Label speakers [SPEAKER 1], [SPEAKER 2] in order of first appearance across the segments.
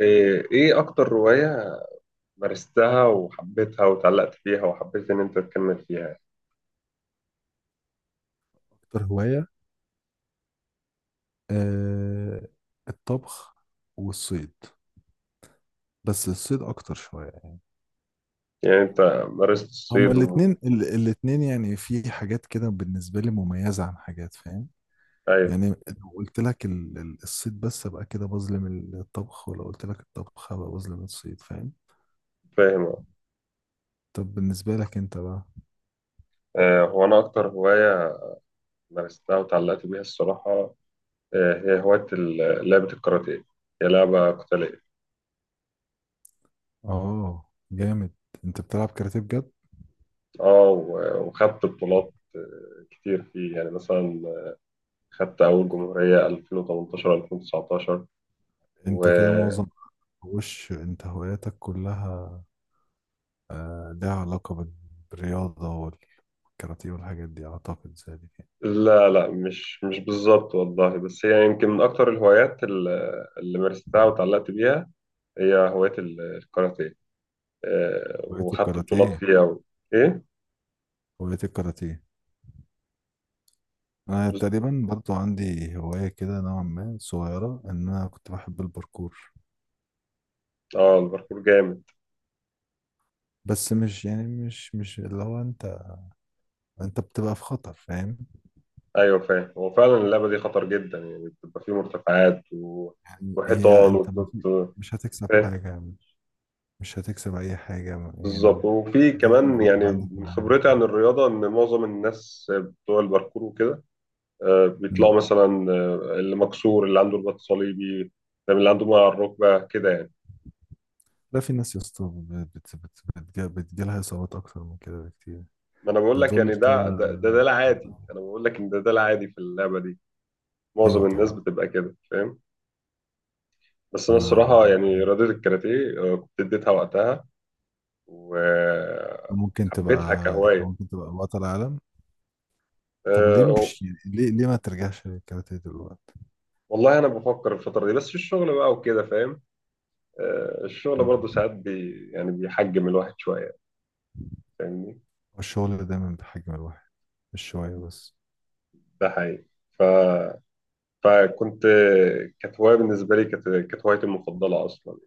[SPEAKER 1] إيه أكتر رواية مارستها وحبيتها وتعلقت فيها وحبيت إن أنت تكمل فيها؟
[SPEAKER 2] أكتر هواية، آه، الطبخ والصيد، بس الصيد أكتر شوية.
[SPEAKER 1] يعني أنت مارست
[SPEAKER 2] هما
[SPEAKER 1] الصيد
[SPEAKER 2] الاتنين
[SPEAKER 1] و...
[SPEAKER 2] الاتنين يعني في حاجات كده بالنسبة لي مميزة عن حاجات، فاهم
[SPEAKER 1] أيوه،
[SPEAKER 2] يعني؟ لو قلت لك الصيد بس أبقى كده بظلم الطبخ، ولو قلت لك الطبخ أبقى بظلم الصيد، فاهم؟
[SPEAKER 1] فاهم، أه.
[SPEAKER 2] طب بالنسبة لك أنت بقى؟
[SPEAKER 1] هو أنا أكتر هواية مارستها وتعلقت بيها الصراحة. هي هواية لعبة الكاراتيه، هي لعبة قتالية.
[SPEAKER 2] آه جامد، أنت بتلعب كاراتيه بجد؟
[SPEAKER 1] أه و- وخدت بطولات، كتير فيه، يعني مثلا خدت أول جمهورية 2018 2019.
[SPEAKER 2] أنت كده معظم وش أنت هواياتك كلها لها علاقة بالرياضة والكاراتيه والحاجات دي، أعتقد زي دي.
[SPEAKER 1] لا لا، مش بالظبط والله، بس هي يمكن من أكتر الهوايات اللي مارستها وتعلقت بيها، هي هواية الكاراتيه.
[SPEAKER 2] هواية
[SPEAKER 1] وخدت بطولات
[SPEAKER 2] الكاراتيه.
[SPEAKER 1] فيها و... إيه؟
[SPEAKER 2] هواية الكاراتيه، أنا
[SPEAKER 1] بس-
[SPEAKER 2] تقريبا برضو عندي هواية كده نوعا ما صغيرة، إن أنا كنت بحب الباركور.
[SPEAKER 1] آه، الباركور جامد.
[SPEAKER 2] بس مش يعني، مش اللي هو أنت، أنت بتبقى في خطر، فاهم؟
[SPEAKER 1] أيوه، فاهم، هو فعلا اللعبة دي خطر جدا، يعني بتبقى فيه مرتفعات و...
[SPEAKER 2] يعني هي
[SPEAKER 1] وحيطان
[SPEAKER 2] أنت ما
[SPEAKER 1] وتنط.
[SPEAKER 2] في، مش هتكسب
[SPEAKER 1] فاهم،
[SPEAKER 2] حاجة، مش هتكسب أي حاجة
[SPEAKER 1] بالظبط.
[SPEAKER 2] يعني،
[SPEAKER 1] وفي
[SPEAKER 2] مجرد
[SPEAKER 1] كمان
[SPEAKER 2] إن أنت يبقى
[SPEAKER 1] يعني
[SPEAKER 2] عندك
[SPEAKER 1] من
[SPEAKER 2] معايا.
[SPEAKER 1] خبرتي عن الرياضة، إن معظم الناس بتوع الباركور وكده بيطلعوا مثلا، اللي مكسور، اللي عنده رباط صليبي، فاهم، اللي عنده مويه على الركبه كده يعني.
[SPEAKER 2] لا في ناس يا اسطى بتجيلها إصابات أكتر من كده بكتير.
[SPEAKER 1] ما انا بقول
[SPEAKER 2] ده
[SPEAKER 1] لك
[SPEAKER 2] دول
[SPEAKER 1] يعني
[SPEAKER 2] كده.
[SPEAKER 1] ده العادي. انا بقول لك ان ده العادي في اللعبه دي،
[SPEAKER 2] أيوه
[SPEAKER 1] معظم الناس
[SPEAKER 2] طبعا.
[SPEAKER 1] بتبقى كده، فاهم. بس انا
[SPEAKER 2] أنا
[SPEAKER 1] الصراحه يعني رياضه الكاراتيه كنت اديتها وقتها
[SPEAKER 2] ممكن
[SPEAKER 1] وحبيتها
[SPEAKER 2] تبقى،
[SPEAKER 1] كهوايه.
[SPEAKER 2] ممكن تبقى بطل عالم. طب ليه
[SPEAKER 1] آه،
[SPEAKER 2] مش يعني، ليه ما ترجعش للكاراتيه دلوقتي؟
[SPEAKER 1] والله انا بفكر الفتره دي، بس في الشغل بقى وكده، فاهم. الشغل برضه
[SPEAKER 2] مم.
[SPEAKER 1] ساعات يعني بيحجم الواحد شويه. فاهمني؟
[SPEAKER 2] والشغل دايما بحجم الواحد، مش شوية بس.
[SPEAKER 1] ده حقيقي. ف فكنت، كانت هواية بالنسبة لي، كانت هوايتي المفضلة أصلا،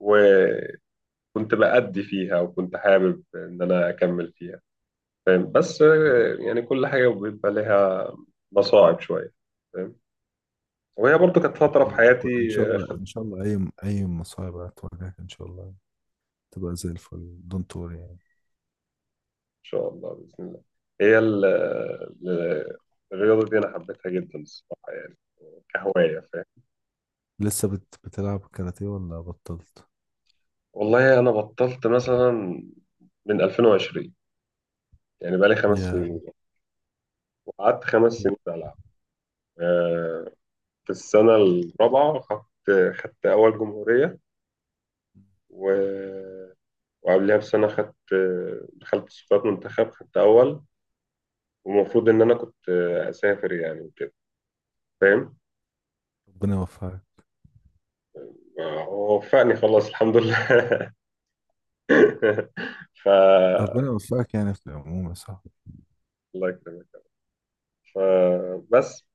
[SPEAKER 1] وكنت بأدي فيها، وكنت حابب إن أنا أكمل فيها، فاهم. بس يعني كل حاجة بيبقى لها مصاعب شوية، فاهم. وهي برضو كانت فترة في
[SPEAKER 2] والله
[SPEAKER 1] حياتي.
[SPEAKER 2] إن شاء الله،
[SPEAKER 1] إن
[SPEAKER 2] إن شاء الله أي مصايب هتواجهك إن شاء الله تبقى زي الفل، دونت وري يعني.
[SPEAKER 1] شاء الله بإذن الله. هي ال- الرياضة دي أنا حبيتها جدا الصراحة، يعني كهواية، فاهم.
[SPEAKER 2] بتلعب كاراتيه ولا بطلت؟
[SPEAKER 1] والله أنا بطلت مثلا من 2020، يعني بقالي خمس
[SPEAKER 2] يا
[SPEAKER 1] سنين وقعدت 5 سنين بلعب. في السنة الرابعة خدت أول جمهورية، و- وقبلها بسنة خدت، دخلت صفات منتخب، خدت أول. ومفروض إن أنا كنت أسافر، يعني وكده، فاهم.
[SPEAKER 2] ربنا يوفقك.
[SPEAKER 1] ووفقني خلاص، الحمد لله. ف
[SPEAKER 2] ربنا يوفقك يعني في العموم يا صاحبي.
[SPEAKER 1] الله يكرمك. فبس،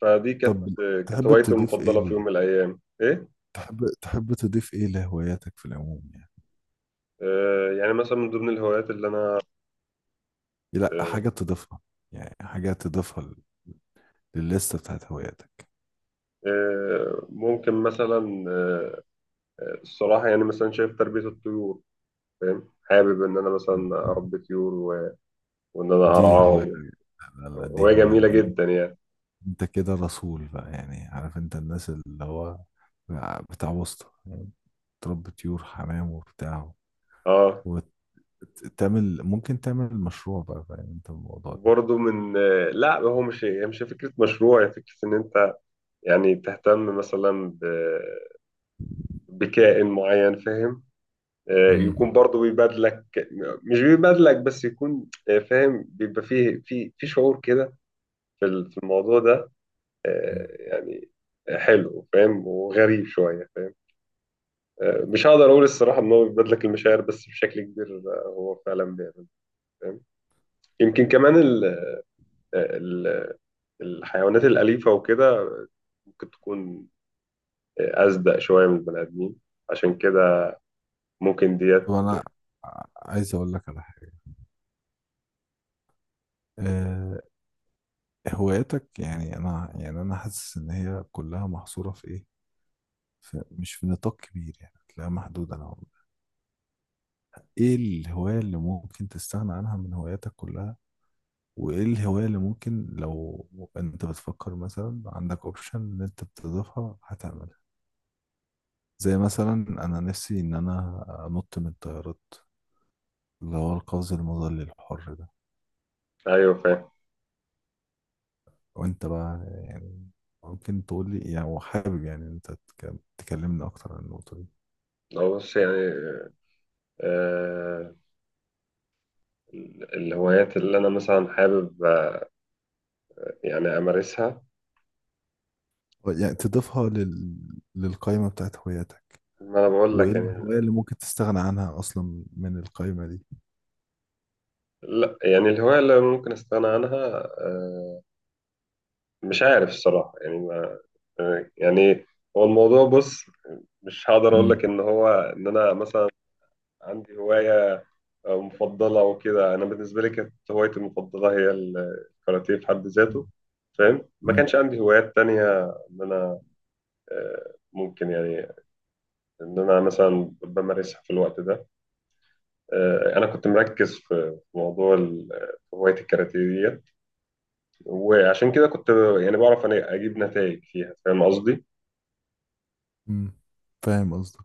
[SPEAKER 1] فدي كانت
[SPEAKER 2] طب
[SPEAKER 1] كانت
[SPEAKER 2] تحب
[SPEAKER 1] هوايتي
[SPEAKER 2] تضيف إيه
[SPEAKER 1] المفضلة في يوم من الأيام، إيه.
[SPEAKER 2] تحب، تضيف إيه لهواياتك في العموم يعني؟
[SPEAKER 1] يعني مثلا من ضمن الهوايات اللي أنا،
[SPEAKER 2] لا
[SPEAKER 1] آه،
[SPEAKER 2] حاجة تضيفها، يعني حاجة تضيفها للليستة بتاعت هواياتك.
[SPEAKER 1] ممكن مثلا، الصراحة يعني مثلا شايف تربية الطيور، فاهم. حابب ان انا مثلا اربي طيور و... وان انا
[SPEAKER 2] دي هواية،
[SPEAKER 1] ارعاهم،
[SPEAKER 2] لا لا دي
[SPEAKER 1] وهي جميله
[SPEAKER 2] هواية انت،
[SPEAKER 1] جدا يعني.
[SPEAKER 2] انت كده رسول بقى يعني، عارف انت الناس اللي هو بتاع وسط يعني، تربي طيور حمام وبتاع،
[SPEAKER 1] اه.
[SPEAKER 2] وتعمل، ممكن تعمل مشروع بقى، فاهم انت الموضوع ده؟
[SPEAKER 1] وبرضه من... لا، هو مش، هي مش فكره مشروع، هي فكره ان انت يعني تهتم مثلا ب... بكائن معين، فاهم.
[SPEAKER 2] مم.
[SPEAKER 1] يكون برضه بيبادلك، مش بيبادلك بس، يكون فاهم، بيبقى فيه في شعور كده، في الموضوع ده.
[SPEAKER 2] مم.
[SPEAKER 1] يعني حلو، فاهم، وغريب شويه، فاهم. مش هقدر اقول الصراحه ان هو بيبادلك لك المشاعر، بس بشكل كبير هو فعلا بيعمل، فاهم. يمكن كمان ال ال الحيوانات الاليفه وكده ممكن تكون اصدق شويه من البني ادمين، عشان كده ممكن ديت.
[SPEAKER 2] طب انا عايز اقول لك على حاجه. أه، هواياتك يعني، انا حاسس ان هي كلها محصوره في ايه، في، مش في نطاق كبير يعني، هتلاقيها محدودة نوعا ما. ايه الهواية اللي ممكن تستغنى عنها من هواياتك كلها؟ وايه الهواية اللي ممكن، لو انت بتفكر مثلا عندك اوبشن ان انت بتضيفها هتعملها؟ زي مثلا، انا نفسي ان انا انط من الطيارات، اللي هو القفز المظلي الحر ده.
[SPEAKER 1] ايوه، فاهم.
[SPEAKER 2] وانت بقى يعني ممكن تقول لي يعني، وحابب يعني انت تكلمني اكتر عن النقطة دي.
[SPEAKER 1] هو بص يعني، آه الهوايات اللي انا مثلا حابب، يعني امارسها.
[SPEAKER 2] يعني تضيفها للقائمة بتاعت هواياتك،
[SPEAKER 1] ما انا بقول
[SPEAKER 2] وايه
[SPEAKER 1] لك يعني.
[SPEAKER 2] الهواية اللي ممكن تستغنى عنها اصلا من القائمة دي.
[SPEAKER 1] لا، يعني الهوايه اللي ممكن استغنى عنها، آه، مش عارف الصراحه يعني. تمام. يعني هو الموضوع بص، مش هقدر اقول
[SPEAKER 2] امم.
[SPEAKER 1] لك ان هو، ان انا مثلا عندي هوايه مفضله وكده. انا بالنسبه لي كانت هوايتي المفضله هي الكاراتيه في حد ذاته، فاهم. ما
[SPEAKER 2] امم.
[SPEAKER 1] كانش عندي هوايات تانية ان انا ممكن، يعني ان انا مثلا بمارسها في الوقت ده. انا كنت مركز في موضوع في هوايه الكاراتيه ديت، وعشان كده كنت يعني بعرف أنا اجيب نتائج فيها، فاهم قصدي؟
[SPEAKER 2] امم، فاهم قصدك.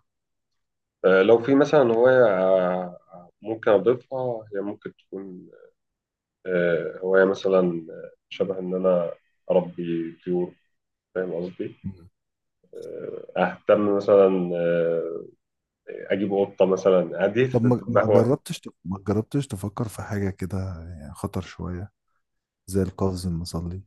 [SPEAKER 1] لو في مثلا هواية ممكن أضيفها، هي ممكن تكون هواية مثلا شبه إن أنا أربي طيور، فاهم قصدي؟
[SPEAKER 2] مم.
[SPEAKER 1] أهتم مثلا، أجيب قطة مثلا، دي
[SPEAKER 2] طب ما
[SPEAKER 1] تبقى
[SPEAKER 2] ما
[SPEAKER 1] هواية.
[SPEAKER 2] ما جربتش تفكر في حاجة كده، يعني خطر شوية، زي القفز المظلي؟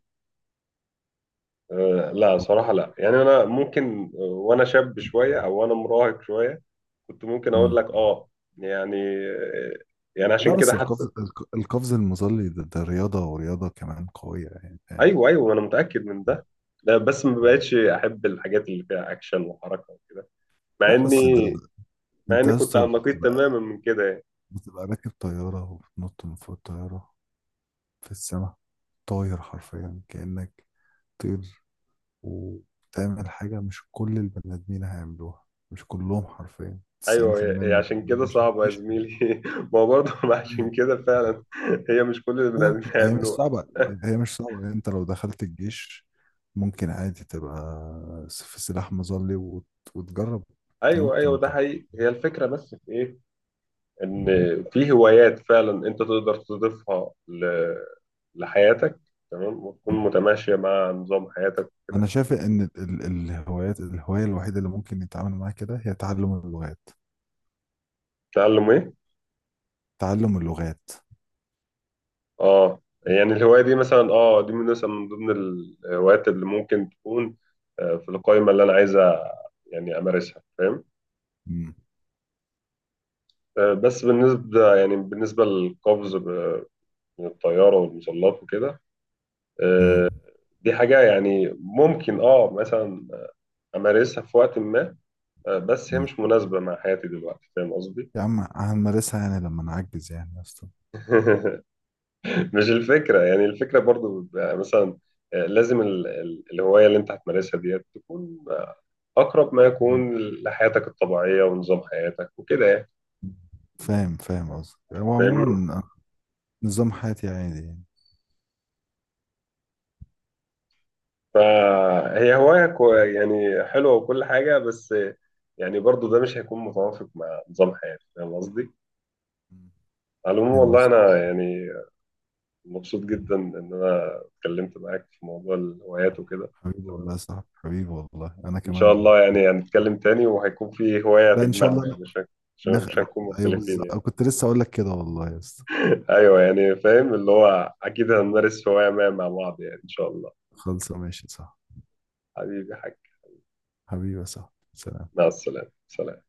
[SPEAKER 1] لا
[SPEAKER 2] أو-
[SPEAKER 1] صراحة لا، يعني أنا ممكن وأنا شاب شوية، أو وأنا مراهق شوية، كنت ممكن أقول
[SPEAKER 2] مم.
[SPEAKER 1] لك آه، يعني آه، يعني
[SPEAKER 2] لا
[SPEAKER 1] عشان كده
[SPEAKER 2] بس
[SPEAKER 1] حتى.
[SPEAKER 2] القفز المظلي ده, ده رياضة، ورياضة كمان قوية يعني، فاهم؟
[SPEAKER 1] أيوه، أيوه، أنا متأكد من ده. لا بس ما
[SPEAKER 2] مم.
[SPEAKER 1] بقتش أحب الحاجات اللي فيها أكشن وحركة وكده. مع
[SPEAKER 2] لا بس
[SPEAKER 1] اني
[SPEAKER 2] ده،
[SPEAKER 1] مع
[SPEAKER 2] انت
[SPEAKER 1] اني
[SPEAKER 2] يا
[SPEAKER 1] كنت على
[SPEAKER 2] اسطى
[SPEAKER 1] النقيض تماما من كده يعني.
[SPEAKER 2] بتبقى راكب طيارة وبتنط من فوق الطيارة في السماء، طاير حرفيا كأنك طير، وتعمل حاجة مش كل البني آدمين هيعملوها، مش كلهم، حرفيا
[SPEAKER 1] ايوه، هي
[SPEAKER 2] 90%
[SPEAKER 1] هي
[SPEAKER 2] من البني
[SPEAKER 1] عشان
[SPEAKER 2] آدمين
[SPEAKER 1] كده
[SPEAKER 2] مش
[SPEAKER 1] صعبه يا
[SPEAKER 2] مش
[SPEAKER 1] زميلي ما هو برضه عشان
[SPEAKER 2] هيعملوها.
[SPEAKER 1] كده فعلا هي مش كل البني
[SPEAKER 2] هي
[SPEAKER 1] ادمين
[SPEAKER 2] هي مش
[SPEAKER 1] هيعملوها.
[SPEAKER 2] صعبة، هي مش صعبة يعني. انت لو دخلت الجيش ممكن عادي تبقى في سلاح مظلي وتجرب
[SPEAKER 1] ايوه،
[SPEAKER 2] تنط
[SPEAKER 1] ايوه، ده حقيقي، هي الفكره بس في ايه؟ ان في هوايات فعلا انت تقدر تضيفها ل... لحياتك، تمام، وتكون
[SPEAKER 2] مم.
[SPEAKER 1] متماشيه مع نظام حياتك
[SPEAKER 2] انا
[SPEAKER 1] وكده.
[SPEAKER 2] شايف ان ال- ال- الهوايات الهوايه الوحيده اللي ممكن يتعامل معاها كده هي تعلم اللغات.
[SPEAKER 1] تعلم ايه؟
[SPEAKER 2] تعلم اللغات.
[SPEAKER 1] اه، يعني الهوايه دي مثلا، اه دي من مثلا من ضمن الهوايات اللي ممكن تكون في القائمه اللي انا عايزه يعني امارسها، فاهم.
[SPEAKER 2] مم.
[SPEAKER 1] بس بالنسبة، يعني بالنسبة للقفز من الطيارة والمظلات وكده،
[SPEAKER 2] مم.
[SPEAKER 1] آه، دي حاجة يعني ممكن، مثلا أمارسها في وقت ما، بس هي
[SPEAKER 2] مم.
[SPEAKER 1] مش مناسبة مع حياتي دلوقتي، فاهم قصدي؟
[SPEAKER 2] يا عم هنمارسها يعني لما نعجز يعني يا اسطى.
[SPEAKER 1] مش الفكرة، يعني الفكرة برضو بيبقى مثلا، لازم الهواية اللي أنت هتمارسها ديت تكون أقرب ما
[SPEAKER 2] مم.
[SPEAKER 1] يكون لحياتك الطبيعية ونظام حياتك وكده يعني.
[SPEAKER 2] فاهم، فاهم قصدك، هو
[SPEAKER 1] فاهمني؟
[SPEAKER 2] عموما نظام حياتي عادي يعني.
[SPEAKER 1] فهي هواية يعني حلوة وكل حاجة، بس يعني برضو ده مش هيكون متوافق مع نظام حياتي، فاهم قصدي؟
[SPEAKER 2] مم.
[SPEAKER 1] على العموم،
[SPEAKER 2] فاهم
[SPEAKER 1] والله
[SPEAKER 2] قصدك.
[SPEAKER 1] أنا يعني مبسوط جدا إن أنا اتكلمت معاك في موضوع الهوايات وكده.
[SPEAKER 2] حبيبي والله يا صاحبي، حبيبي والله انا
[SPEAKER 1] إن شاء
[SPEAKER 2] كمان
[SPEAKER 1] الله
[SPEAKER 2] كنت
[SPEAKER 1] يعني
[SPEAKER 2] مبسوط.
[SPEAKER 1] هنتكلم تاني، وهيكون في هواية
[SPEAKER 2] لا ان شاء
[SPEAKER 1] تجمعنا،
[SPEAKER 2] الله.
[SPEAKER 1] يعني مش
[SPEAKER 2] نخ...
[SPEAKER 1] مش هنكون
[SPEAKER 2] ايوه
[SPEAKER 1] مختلفين
[SPEAKER 2] بالظبط،
[SPEAKER 1] يعني.
[SPEAKER 2] كنت لسه اقول لك كده والله يا اسطى.
[SPEAKER 1] أيوه، يعني فاهم اللي هو، أكيد هنمارس هواية ما مع بعض، يعني إن شاء الله.
[SPEAKER 2] خلصه، ماشي، صح.
[SPEAKER 1] حبيبي حاج.
[SPEAKER 2] حبيبي، صح، سلام.
[SPEAKER 1] مع السلامة، سلام.